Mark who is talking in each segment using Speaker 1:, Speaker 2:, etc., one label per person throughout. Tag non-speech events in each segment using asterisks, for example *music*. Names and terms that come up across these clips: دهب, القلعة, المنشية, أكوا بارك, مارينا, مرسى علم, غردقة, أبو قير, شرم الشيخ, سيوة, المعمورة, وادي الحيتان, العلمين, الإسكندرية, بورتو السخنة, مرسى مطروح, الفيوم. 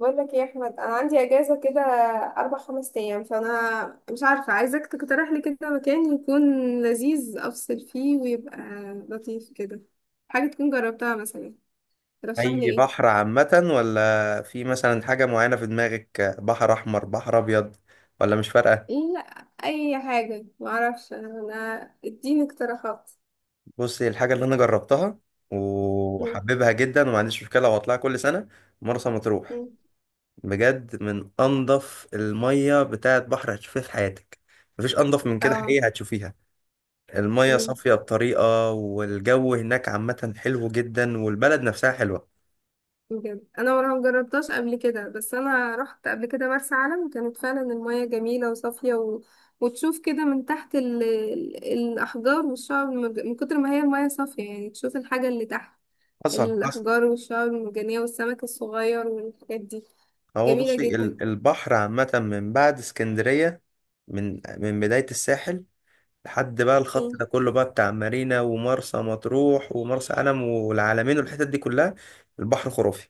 Speaker 1: بقول لك يا احمد، انا عندي اجازه كده اربع خمس ايام، فانا مش عارفه. عايزاك تقترح لي كده مكان يكون لذيذ، افصل فيه ويبقى لطيف كده، حاجه تكون جربتها مثلا. ترشح لي
Speaker 2: اي
Speaker 1: ايه؟
Speaker 2: بحر عامة، ولا في مثلا حاجة معينة في دماغك؟ بحر احمر، بحر ابيض، ولا مش فارقة؟
Speaker 1: لا، اي حاجه، ما اعرفش انا، اديني اقتراحات.
Speaker 2: بصي، الحاجة اللي انا جربتها
Speaker 1: مم.
Speaker 2: وحببها جدا وما عنديش مشكلة واطلعها كل سنة: مرسى مطروح.
Speaker 1: مم.
Speaker 2: بجد، من انضف المية بتاعت بحر هتشوفيها في حياتك. مفيش انضف من كده
Speaker 1: اه،
Speaker 2: حقيقة هتشوفيها. المية صافية بطريقة، والجو هناك عامة حلو جدا، والبلد نفسها حلوة.
Speaker 1: بجد انا ما جربتهاش قبل كده، بس انا رحت قبل كده مرسى علم، كانت فعلا المياه جميله وصافيه وتشوف كده من تحت الاحجار والشعب من كتر ما هي المياه صافيه، يعني تشوف الحاجه اللي تحت
Speaker 2: حصل.
Speaker 1: الاحجار والشعب المرجانيه والسمك الصغير والحاجات دي.
Speaker 2: هو
Speaker 1: جميله
Speaker 2: بصي،
Speaker 1: جدا.
Speaker 2: البحر عامة من بعد اسكندرية، من بداية الساحل لحد بقى الخط
Speaker 1: امم.
Speaker 2: ده كله، بقى بتاع مارينا ومرسى مطروح ومرسى علم والعلمين والحتت دي كلها. البحر خرافي،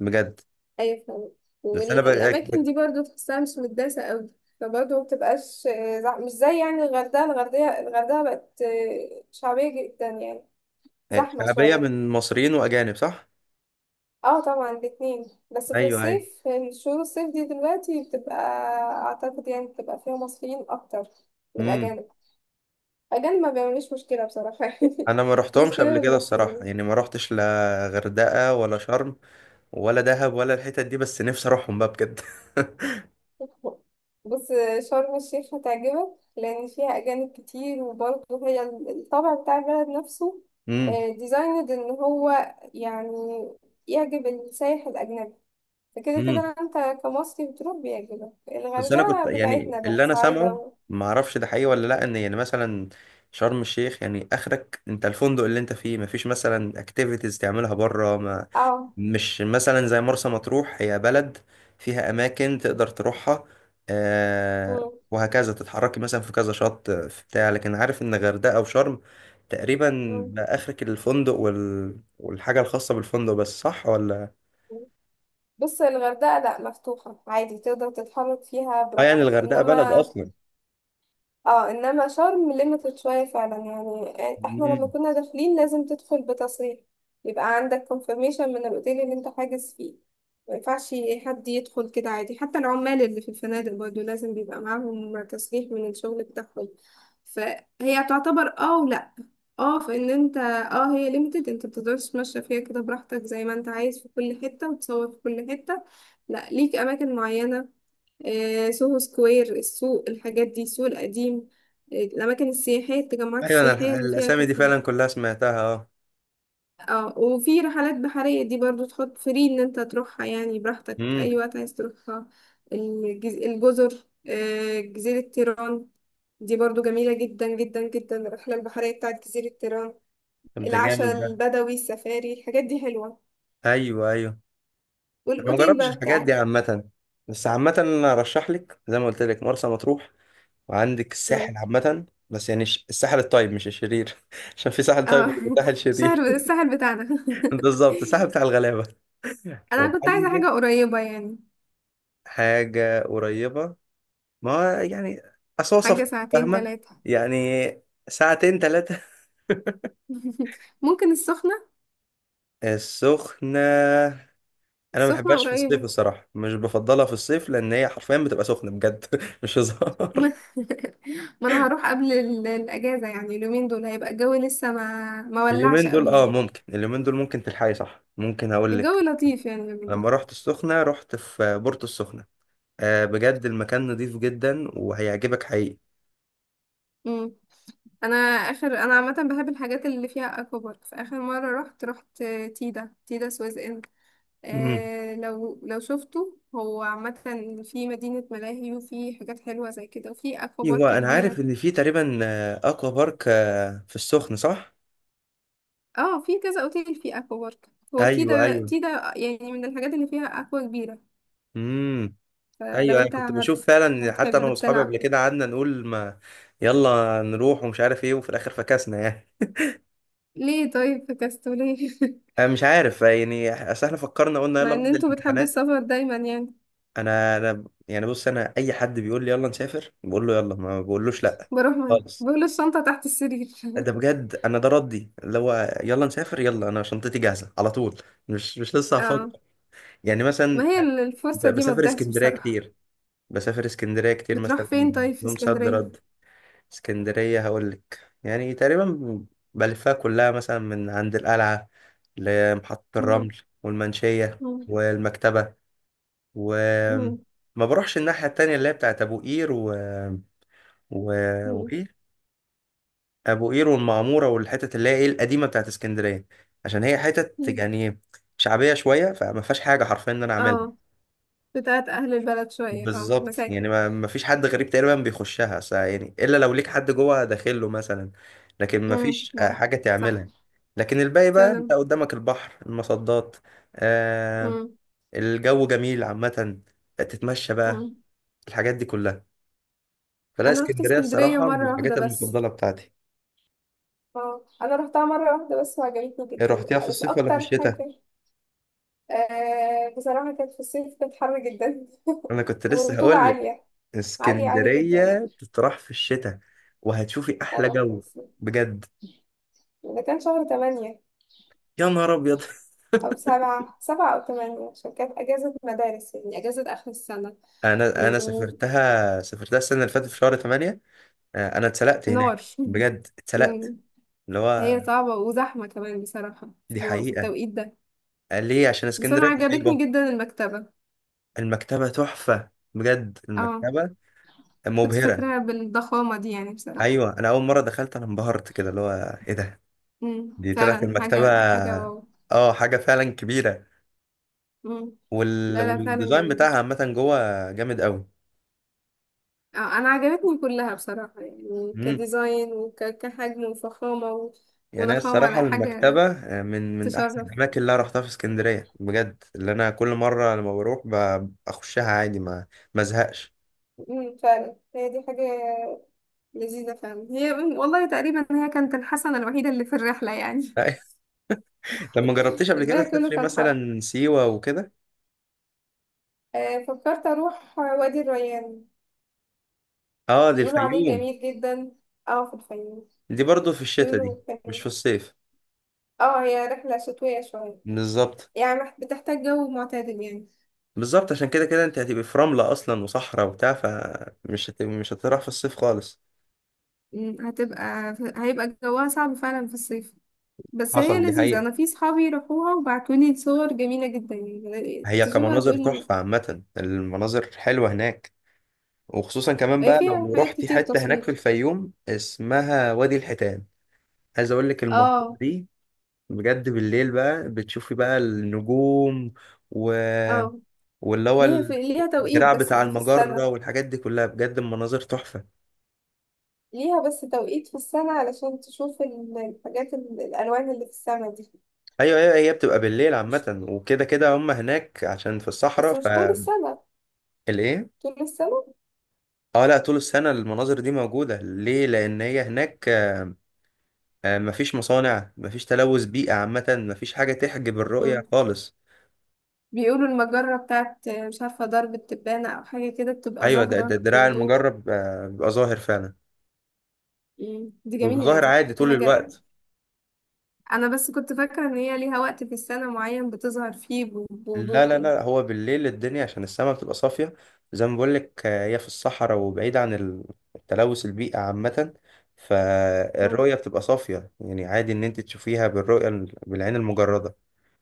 Speaker 2: بجد.
Speaker 1: ايوه فعلا،
Speaker 2: بس انا بقى
Speaker 1: والاماكن دي برضو تحسها مش متداسه قوي، فبرضه ما بتبقاش مش زي يعني الغردقه. الغردقه بقت شعبيه جدا يعني، زحمه
Speaker 2: شعبية
Speaker 1: شويه.
Speaker 2: من مصريين واجانب، صح؟
Speaker 1: اه طبعا الاتنين، بس في
Speaker 2: ايوه، ايوه.
Speaker 1: الصيف، في شهور الصيف دي دلوقتي بتبقى، اعتقد يعني بتبقى فيها مصريين اكتر من
Speaker 2: امم.
Speaker 1: الاجانب. الاجانب ما بيعملوش مشكله بصراحه *laughs* يعني،
Speaker 2: انا ما رحتهمش
Speaker 1: المشكله
Speaker 2: قبل
Speaker 1: من
Speaker 2: كده الصراحة،
Speaker 1: المصريين.
Speaker 2: يعني ما رحتش لا غردقة ولا شرم ولا دهب ولا الحتت دي، بس نفسي اروحهم بقى بجد *laughs*
Speaker 1: بص، شرم الشيخ هتعجبك، لان فيها اجانب كتير، وبرضه هي الطابع بتاع البلد نفسه ديزايند ان هو يعني يعجب السائح الاجنبي، فكده
Speaker 2: امم.
Speaker 1: كده انت كمصري بتروح بيعجبك
Speaker 2: بس انا كنت
Speaker 1: الغردقه
Speaker 2: يعني
Speaker 1: بتاعتنا بقى،
Speaker 2: اللي انا
Speaker 1: صعيدة
Speaker 2: سامعه، ما اعرفش ده حقيقي ولا لا، ان يعني مثلا شرم الشيخ يعني اخرك انت الفندق اللي انت فيه، ما فيش مثلا اكتيفيتيز تعملها بره، ما
Speaker 1: اه.
Speaker 2: مش مثلا زي مرسى مطروح هي بلد فيها اماكن تقدر تروحها. آه.
Speaker 1: مم.
Speaker 2: وهكذا تتحركي مثلا في كذا شط في بتاع، لكن عارف ان غردقة او شرم تقريبا
Speaker 1: مم.
Speaker 2: بقى اخرك الفندق والحاجة الخاصة بالفندق بس، صح ولا؟
Speaker 1: بص، الغردقة لا، مفتوحة عادي، تقدر تتحرك فيها
Speaker 2: اه يعني
Speaker 1: براحتك.
Speaker 2: الغردقة بلد
Speaker 1: انما اه، انما شرم ليميتد شويه فعلا، يعني احنا
Speaker 2: اصلا.
Speaker 1: لما كنا داخلين لازم تدخل بتصريح، يبقى عندك كونفirmation من الاوتيل اللي انت حاجز فيه. ما ينفعش حد يدخل كده عادي، حتى العمال اللي في الفنادق برضه لازم بيبقى معاهم تصريح من الشغل بتاعهم. فهي تعتبر، ولا؟ اه فان انت، هي ليميتد، انت بتقدرش تمشى فيها كده براحتك زي ما انت عايز في كل حته وتصور في كل حته، لا، ليك اماكن معينه. سوهو سكوير، السوق، الحاجات دي، السوق القديم، الأماكن السياحية، التجمعات
Speaker 2: ايوه انا
Speaker 1: السياحية اللي فيها
Speaker 2: الاسامي دي
Speaker 1: كافيهات.
Speaker 2: فعلا كلها سمعتها. اه.
Speaker 1: اه، وفي رحلات بحرية دي برضو تحط فري، إن أنت تروحها يعني براحتك
Speaker 2: امم.
Speaker 1: أي وقت عايز تروحها. الجزر، جزيرة تيران، دي برضو جميلة جدا جدا جدا، الرحلة البحرية بتاعت جزيرة تيران.
Speaker 2: طب ده جامد
Speaker 1: العشاء
Speaker 2: ده.
Speaker 1: البدوي، السفاري، الحاجات دي حلوة.
Speaker 2: ايوه ايوه. انا ما
Speaker 1: والأوتيل
Speaker 2: جربتش
Speaker 1: بقى
Speaker 2: الحاجات
Speaker 1: بتاعك.
Speaker 2: دي عامه، بس عامه انا ارشح لك زي ما قلت لك مرسى مطروح. وعندك
Speaker 1: مم.
Speaker 2: الساحل عامه، بس يعني الساحل الطيب مش الشرير *laughs* عشان في ساحل طيب
Speaker 1: اه
Speaker 2: وساحل
Speaker 1: *laughs* شهر
Speaker 2: شرير.
Speaker 1: السهل بتاعنا
Speaker 2: *laughs*
Speaker 1: *laughs*
Speaker 2: بالظبط، الساحل بتاع الغلابه. *laughs*
Speaker 1: انا كنت عايزة
Speaker 2: وعندك
Speaker 1: حاجة قريبة يعني،
Speaker 2: حاجة قريبة. ما هو يعني أصوصف.
Speaker 1: حاجة ساعتين
Speaker 2: فاهمة.
Speaker 1: تلاتة.
Speaker 2: يعني ساعتين ثلاثة.
Speaker 1: *laughs* ممكن السخنة،
Speaker 2: *laughs* السخنة. انا ما
Speaker 1: السخنة
Speaker 2: بحبهاش في الصيف
Speaker 1: قريبة.
Speaker 2: الصراحه، مش بفضلها في الصيف، لان هي حرفيا بتبقى سخنه بجد *laughs* مش
Speaker 1: *laughs*
Speaker 2: هزار.
Speaker 1: ما ما انا هروح قبل الاجازة، يعني اليومين دول هيبقى الجو لسه ما ولعش
Speaker 2: اليومين دول
Speaker 1: قوي
Speaker 2: اه
Speaker 1: يعني.
Speaker 2: ممكن، اليومين دول ممكن تلحقي، صح، ممكن هقول لك.
Speaker 1: الجو لطيف يعني اليومين دول.
Speaker 2: لما رحت السخنه رحت في بورتو السخنه. آه بجد المكان نضيف جدا وهيعجبك حقيقي.
Speaker 1: امم. انا اخر، انا عامة بحب الحاجات اللي فيها اكوا بارك، فاخر مرة رحت تيدا تيدا سويس ان.
Speaker 2: امم.
Speaker 1: آه، لو شفته هو عامة، في مدينة ملاهي وفي حاجات حلوة زي كده وفي اكوا بارك
Speaker 2: ايوه انا
Speaker 1: كبيرة.
Speaker 2: عارف ان في تقريبا آه، اكوا بارك آه, في السخنه، صح؟
Speaker 1: اه، في كذا اوتيل فيه اكوا بارك، هو
Speaker 2: ايوه
Speaker 1: تيدا
Speaker 2: ايوه.
Speaker 1: تيدا يعني، من الحاجات اللي فيها اكوا كبيرة.
Speaker 2: امم.
Speaker 1: فلو
Speaker 2: ايوه انا
Speaker 1: انت
Speaker 2: كنت بشوف فعلا، حتى انا
Speaker 1: هتحب
Speaker 2: واصحابي قبل
Speaker 1: تلعب،
Speaker 2: كده قعدنا نقول ما يلا نروح ومش عارف ايه، وفي الاخر فكسنا يعني.
Speaker 1: ليه طيب؟ في كاستوليه. *laughs*
Speaker 2: أنا مش عارف يعني، اصل احنا فكرنا قلنا
Speaker 1: مع
Speaker 2: يلا
Speaker 1: ان
Speaker 2: بعد
Speaker 1: انتوا بتحبوا
Speaker 2: الامتحانات.
Speaker 1: السفر دايما يعني،
Speaker 2: انا يعني، بص، انا اي حد بيقول لي يلا نسافر بقول له يلا، ما بقولوش لا
Speaker 1: بروح معاه
Speaker 2: خالص.
Speaker 1: بقول الشنطة تحت السرير.
Speaker 2: ده بجد انا ده ردي، اللي هو يلا نسافر، يلا انا شنطتي جاهزه على طول، مش لسه
Speaker 1: *laughs* اه،
Speaker 2: هفكر يعني
Speaker 1: ما
Speaker 2: مثلا.
Speaker 1: هي الفرصة دي ما
Speaker 2: بسافر
Speaker 1: تضيعش
Speaker 2: اسكندريه
Speaker 1: بصراحة.
Speaker 2: كتير، بسافر اسكندريه كتير
Speaker 1: بتروح
Speaker 2: مثلا،
Speaker 1: فين طيب في
Speaker 2: يوم صد
Speaker 1: اسكندرية؟
Speaker 2: رد. اسكندريه هقول لك يعني تقريبا بلفها كلها، مثلا من عند القلعه لمحطه
Speaker 1: *laughs* مم،
Speaker 2: الرمل والمنشيه
Speaker 1: مم،
Speaker 2: والمكتبه،
Speaker 1: مم،
Speaker 2: وما بروحش الناحية التانية اللي هي بتاعت أبو قير و...
Speaker 1: مم،
Speaker 2: وإيه، أبو قير والمعمورة والحتت اللي هي إيه القديمة بتاعت اسكندرية. عشان هي حتت
Speaker 1: مم.
Speaker 2: يعني شعبية شوية، فما فيهاش حاجة حرفيا إن أنا أعملها.
Speaker 1: اه، بتاعت اهل البلد شوية، اه،
Speaker 2: بالظبط،
Speaker 1: مساكن.
Speaker 2: يعني ما فيش حد غريب تقريبا بيخشها يعني، إلا لو ليك حد جوه داخل له مثلا. لكن ما
Speaker 1: مم،
Speaker 2: فيش آه،
Speaker 1: مم.
Speaker 2: حاجة
Speaker 1: صح،
Speaker 2: تعملها. لكن الباقي بقى أنت
Speaker 1: فعلا.
Speaker 2: قدامك البحر المصدات. آه.
Speaker 1: مم،
Speaker 2: الجو جميل عامة، تتمشى بقى،
Speaker 1: مم.
Speaker 2: الحاجات دي كلها. فلا،
Speaker 1: انا رحت
Speaker 2: اسكندريه
Speaker 1: اسكندريه
Speaker 2: الصراحه من
Speaker 1: مره
Speaker 2: الحاجات
Speaker 1: واحده بس.
Speaker 2: المفضله بتاعتي.
Speaker 1: اه، انا رحتها مره واحده بس وعجبتني
Speaker 2: إيه،
Speaker 1: جدا،
Speaker 2: رحتيها في
Speaker 1: بس
Speaker 2: الصيف ولا في
Speaker 1: اكتر حاجه،
Speaker 2: الشتاء؟
Speaker 1: آه بصراحه كانت في الصيف، كانت حر جدا *laughs*
Speaker 2: انا كنت لسه
Speaker 1: والرطوبه
Speaker 2: هقول لك
Speaker 1: عاليه، عاليه عاليه جدا.
Speaker 2: اسكندريه تطرح في الشتاء، وهتشوفي احلى
Speaker 1: انا رحت في
Speaker 2: جو.
Speaker 1: الصيف،
Speaker 2: بجد.
Speaker 1: ده كان شهر 8
Speaker 2: يا نهار ابيض.
Speaker 1: او سبعة او 8، عشان كانت اجازه مدارس يعني، اجازه اخر السنه.
Speaker 2: *laughs* انا
Speaker 1: ونار.
Speaker 2: سافرتها السنه اللي فاتت في شهر 8. آه، انا اتسلقت هناك
Speaker 1: *laughs*
Speaker 2: بجد اتسلقت،
Speaker 1: أمم.
Speaker 2: اللي
Speaker 1: هي
Speaker 2: هو.
Speaker 1: صعبه وزحمه كمان بصراحه في
Speaker 2: دي
Speaker 1: في
Speaker 2: حقيقه.
Speaker 1: التوقيت ده.
Speaker 2: قال ليه عشان
Speaker 1: بس انا
Speaker 2: اسكندريه
Speaker 1: عجبتني
Speaker 2: قريبه.
Speaker 1: جدا المكتبه.
Speaker 2: المكتبه تحفه بجد،
Speaker 1: اه،
Speaker 2: المكتبه
Speaker 1: كنت
Speaker 2: مبهره.
Speaker 1: فاكراها بالضخامة دي يعني بصراحة.
Speaker 2: ايوه انا اول مره دخلت انا انبهرت كده، اللي هو ايه ده،
Speaker 1: امم،
Speaker 2: دي طلعت
Speaker 1: فعلا
Speaker 2: المكتبة.
Speaker 1: حاجة حاجة واو.
Speaker 2: اه حاجة فعلا كبيرة.
Speaker 1: امم. لا لا، فعلا
Speaker 2: والديزاين
Speaker 1: جميلة.
Speaker 2: بتاعها عامة جوه جامد قوي.
Speaker 1: أنا عجبتني كلها بصراحة، يعني
Speaker 2: امم.
Speaker 1: كديزاين وكحجم وفخامة و-،
Speaker 2: يعني أنا
Speaker 1: وضخامة،
Speaker 2: الصراحة
Speaker 1: لا، حاجة
Speaker 2: المكتبة آه، من أحسن
Speaker 1: تشرف.
Speaker 2: الأماكن اللي أنا رحتها في اسكندرية بجد، اللي أنا كل مرة لما بروح بخشها عادي، ما ازهقش.
Speaker 1: امم، فعلا هي دي حاجة لذيذة فعلا هي، مم، والله تقريبا هي كانت الحسنة الوحيدة اللي في الرحلة يعني.
Speaker 2: لا. *laughs* لما جربتيش
Speaker 1: *laughs*
Speaker 2: قبل كده
Speaker 1: الباقي كله
Speaker 2: تسافري
Speaker 1: كان حر.
Speaker 2: مثلا سيوة وكده.
Speaker 1: فكرت أروح وادي الريان،
Speaker 2: اه دي
Speaker 1: بيقولوا عليه
Speaker 2: الفيوم.
Speaker 1: جميل جدا. اه، في الفيوم.
Speaker 2: دي برضو في الشتاء دي،
Speaker 1: بيقولوا
Speaker 2: مش
Speaker 1: كان،
Speaker 2: في الصيف.
Speaker 1: اه، هي رحلة شتوية شوية
Speaker 2: بالظبط.
Speaker 1: يعني، بتحتاج جو معتدل يعني.
Speaker 2: بالظبط، عشان كده كده انت هتبقي في رملة أصلا وصحراء وبتاع، فمش مش هتروح في الصيف خالص.
Speaker 1: مم، هيبقى جوها صعب فعلا في الصيف، بس هي
Speaker 2: حصل. دي
Speaker 1: لذيذة،
Speaker 2: حقيقة.
Speaker 1: أنا في صحابي راحوها وبعتولي صور جميلة جدا يعني،
Speaker 2: هي
Speaker 1: تشوفها
Speaker 2: كمناظر
Speaker 1: تقول،
Speaker 2: تحفة عامة، المناظر حلوة هناك. وخصوصا كمان
Speaker 1: هي
Speaker 2: بقى
Speaker 1: فيها
Speaker 2: لو
Speaker 1: حاجات
Speaker 2: رحتي
Speaker 1: كتير
Speaker 2: حتة هناك في
Speaker 1: تصوير.
Speaker 2: الفيوم اسمها وادي الحيتان، عايز اقول لك المنطقة
Speaker 1: اه.
Speaker 2: دي بجد بالليل بقى بتشوفي بقى النجوم و...
Speaker 1: اه،
Speaker 2: واللي هو
Speaker 1: ليها ليها توقيت
Speaker 2: الدراع
Speaker 1: بس
Speaker 2: بتاع
Speaker 1: دي في
Speaker 2: المجرة
Speaker 1: السنة.
Speaker 2: والحاجات دي كلها. بجد المناظر تحفة.
Speaker 1: ليها بس توقيت في السنة علشان تشوف الحاجات، الألوان اللي في السماء دي.
Speaker 2: ايوه ايوه. هي بتبقى بالليل
Speaker 1: مش...
Speaker 2: عامة، وكده كده هم هناك عشان في الصحراء.
Speaker 1: بس مش طول السنة.
Speaker 2: فالايه،
Speaker 1: طول السنة؟
Speaker 2: اه، لا، طول السنة المناظر دي موجودة، ليه؟ لأن هي هناك آه، مفيش مصانع، مفيش تلوث بيئة عامة، مفيش حاجة تحجب الرؤية خالص.
Speaker 1: بيقولوا المجرة بتاعت، مش عارفة، درب التبانة أو حاجة كده، بتبقى
Speaker 2: أيوة ده
Speaker 1: ظاهرة
Speaker 2: الدراع
Speaker 1: بوضوح.
Speaker 2: المجرب آه، بيبقى ظاهر فعلا،
Speaker 1: مم، دي
Speaker 2: وبيبقى
Speaker 1: جميلة،
Speaker 2: ظاهر
Speaker 1: دي
Speaker 2: عادي
Speaker 1: دي
Speaker 2: طول
Speaker 1: حاجة.
Speaker 2: الوقت.
Speaker 1: أنا بس كنت فاكرة إن هي ليها وقت في السنة معين بتظهر فيه
Speaker 2: لا
Speaker 1: بوضوح
Speaker 2: لا
Speaker 1: يعني.
Speaker 2: لا، هو بالليل الدنيا عشان السماء بتبقى صافية، زي ما بقولك آه، هي في الصحراء وبعيد عن التلوث البيئة عامة،
Speaker 1: مم.
Speaker 2: فالرؤية بتبقى صافية يعني عادي إن أنت تشوفيها بالرؤية بالعين المجردة،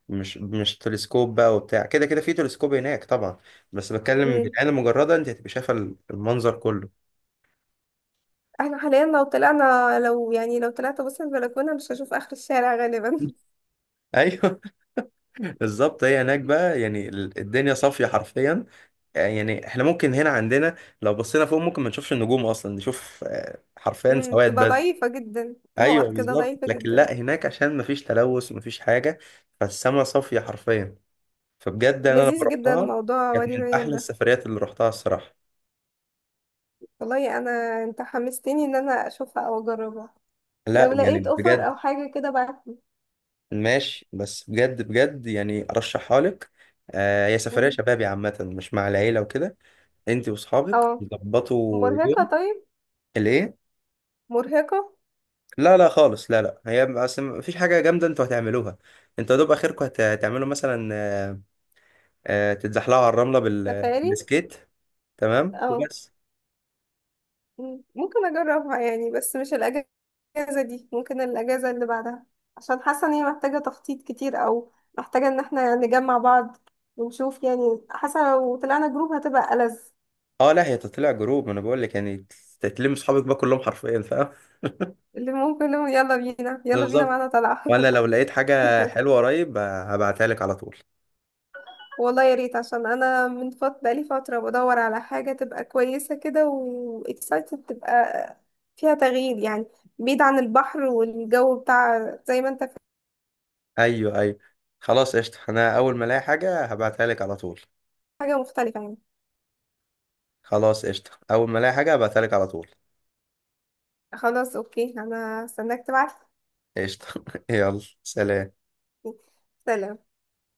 Speaker 2: مش تلسكوب بقى، وبتاع كده، كده في تلسكوب هناك طبعا، بس بتكلم
Speaker 1: مم.
Speaker 2: بالعين المجردة أنت هتبقى شايفة المنظر كله.
Speaker 1: احنا حاليا لو طلعنا، لو يعني لو طلعت بص البلكونة مش هشوف آخر الشارع غالبا. *laughs*
Speaker 2: ايوه. *laughs* بالظبط، هي هناك بقى يعني الدنيا صافيه حرفيا، يعني احنا ممكن هنا عندنا لو بصينا فوق ممكن ما نشوفش النجوم اصلا، نشوف آه، حرفيا
Speaker 1: مم.
Speaker 2: سواد
Speaker 1: بتبقى
Speaker 2: بس.
Speaker 1: ضعيفة جدا،
Speaker 2: ايوه
Speaker 1: نقط كده
Speaker 2: بالظبط،
Speaker 1: ضعيفة
Speaker 2: لكن
Speaker 1: جدا.
Speaker 2: لا هناك عشان ما فيش تلوث وما فيش حاجه، فالسما صافيه حرفيا. فبجد انا لما
Speaker 1: لذيذ جدا
Speaker 2: رحتها
Speaker 1: موضوع وادي
Speaker 2: كانت من
Speaker 1: ريان
Speaker 2: احلى
Speaker 1: ده.
Speaker 2: السفريات اللي رحتها الصراحه.
Speaker 1: والله أنا أنت حمستني إن أنا أشوفها أو أجربها،
Speaker 2: لا،
Speaker 1: لو
Speaker 2: يعني
Speaker 1: لقيت أوفر
Speaker 2: بجد.
Speaker 1: أو حاجة كده بعتلي.
Speaker 2: ماشي، بس بجد بجد يعني ارشحها لك. آه، هي سفريه
Speaker 1: مم.
Speaker 2: شبابي عامه، مش مع العيله وكده. انت واصحابك
Speaker 1: اه.
Speaker 2: تظبطوا يوم.
Speaker 1: مرهقة طيب؟
Speaker 2: ليه؟
Speaker 1: مرهقة.
Speaker 2: لا لا خالص، لا لا، هي اصل مفيش حاجه جامده انتوا هتعملوها. انتوا يا دوب اخركم هتعملوا مثلا آه، آه، تتزحلقوا على الرمله
Speaker 1: سفاري.
Speaker 2: بالسكيت. تمام.
Speaker 1: اه،
Speaker 2: وبس.
Speaker 1: ممكن اجربها يعني، بس مش الاجازة دي، ممكن الاجازة اللي بعدها، عشان حاسة ان هي محتاجة تخطيط كتير، او محتاجة ان احنا نجمع بعض ونشوف، يعني حاسة لو طلعنا جروب هتبقى ألذ،
Speaker 2: اه لا هي تطلع جروب، ما انا بقول لك يعني تتلم اصحابك بقى كلهم حرفيا، فاهم.
Speaker 1: اللي ممكن نقول يلا بينا يلا بينا
Speaker 2: بالظبط.
Speaker 1: معانا طلعة.
Speaker 2: وانا لو لقيت حاجه
Speaker 1: *laughs*
Speaker 2: حلوه قريب آه، هبعتها لك على طول.
Speaker 1: والله يا ريت، عشان انا من بقالي فتره بدور على حاجه تبقى كويسه كده، واكسايتد تبقى فيها تغيير يعني، بعيد عن البحر والجو بتاع زي ما انت في.
Speaker 2: ايوه ايوه. خلاص قشطه، انا اول ما الاقي حاجه هبعتها لك على طول.
Speaker 1: حاجه مختلفه يعني.
Speaker 2: خلاص قشطه، اول ما الاقي حاجه هبعتها لك على طول.
Speaker 1: خلاص اوكي، انا هستناك تبعت.
Speaker 2: قشطه. *laughs* يلا سلام.
Speaker 1: سلام.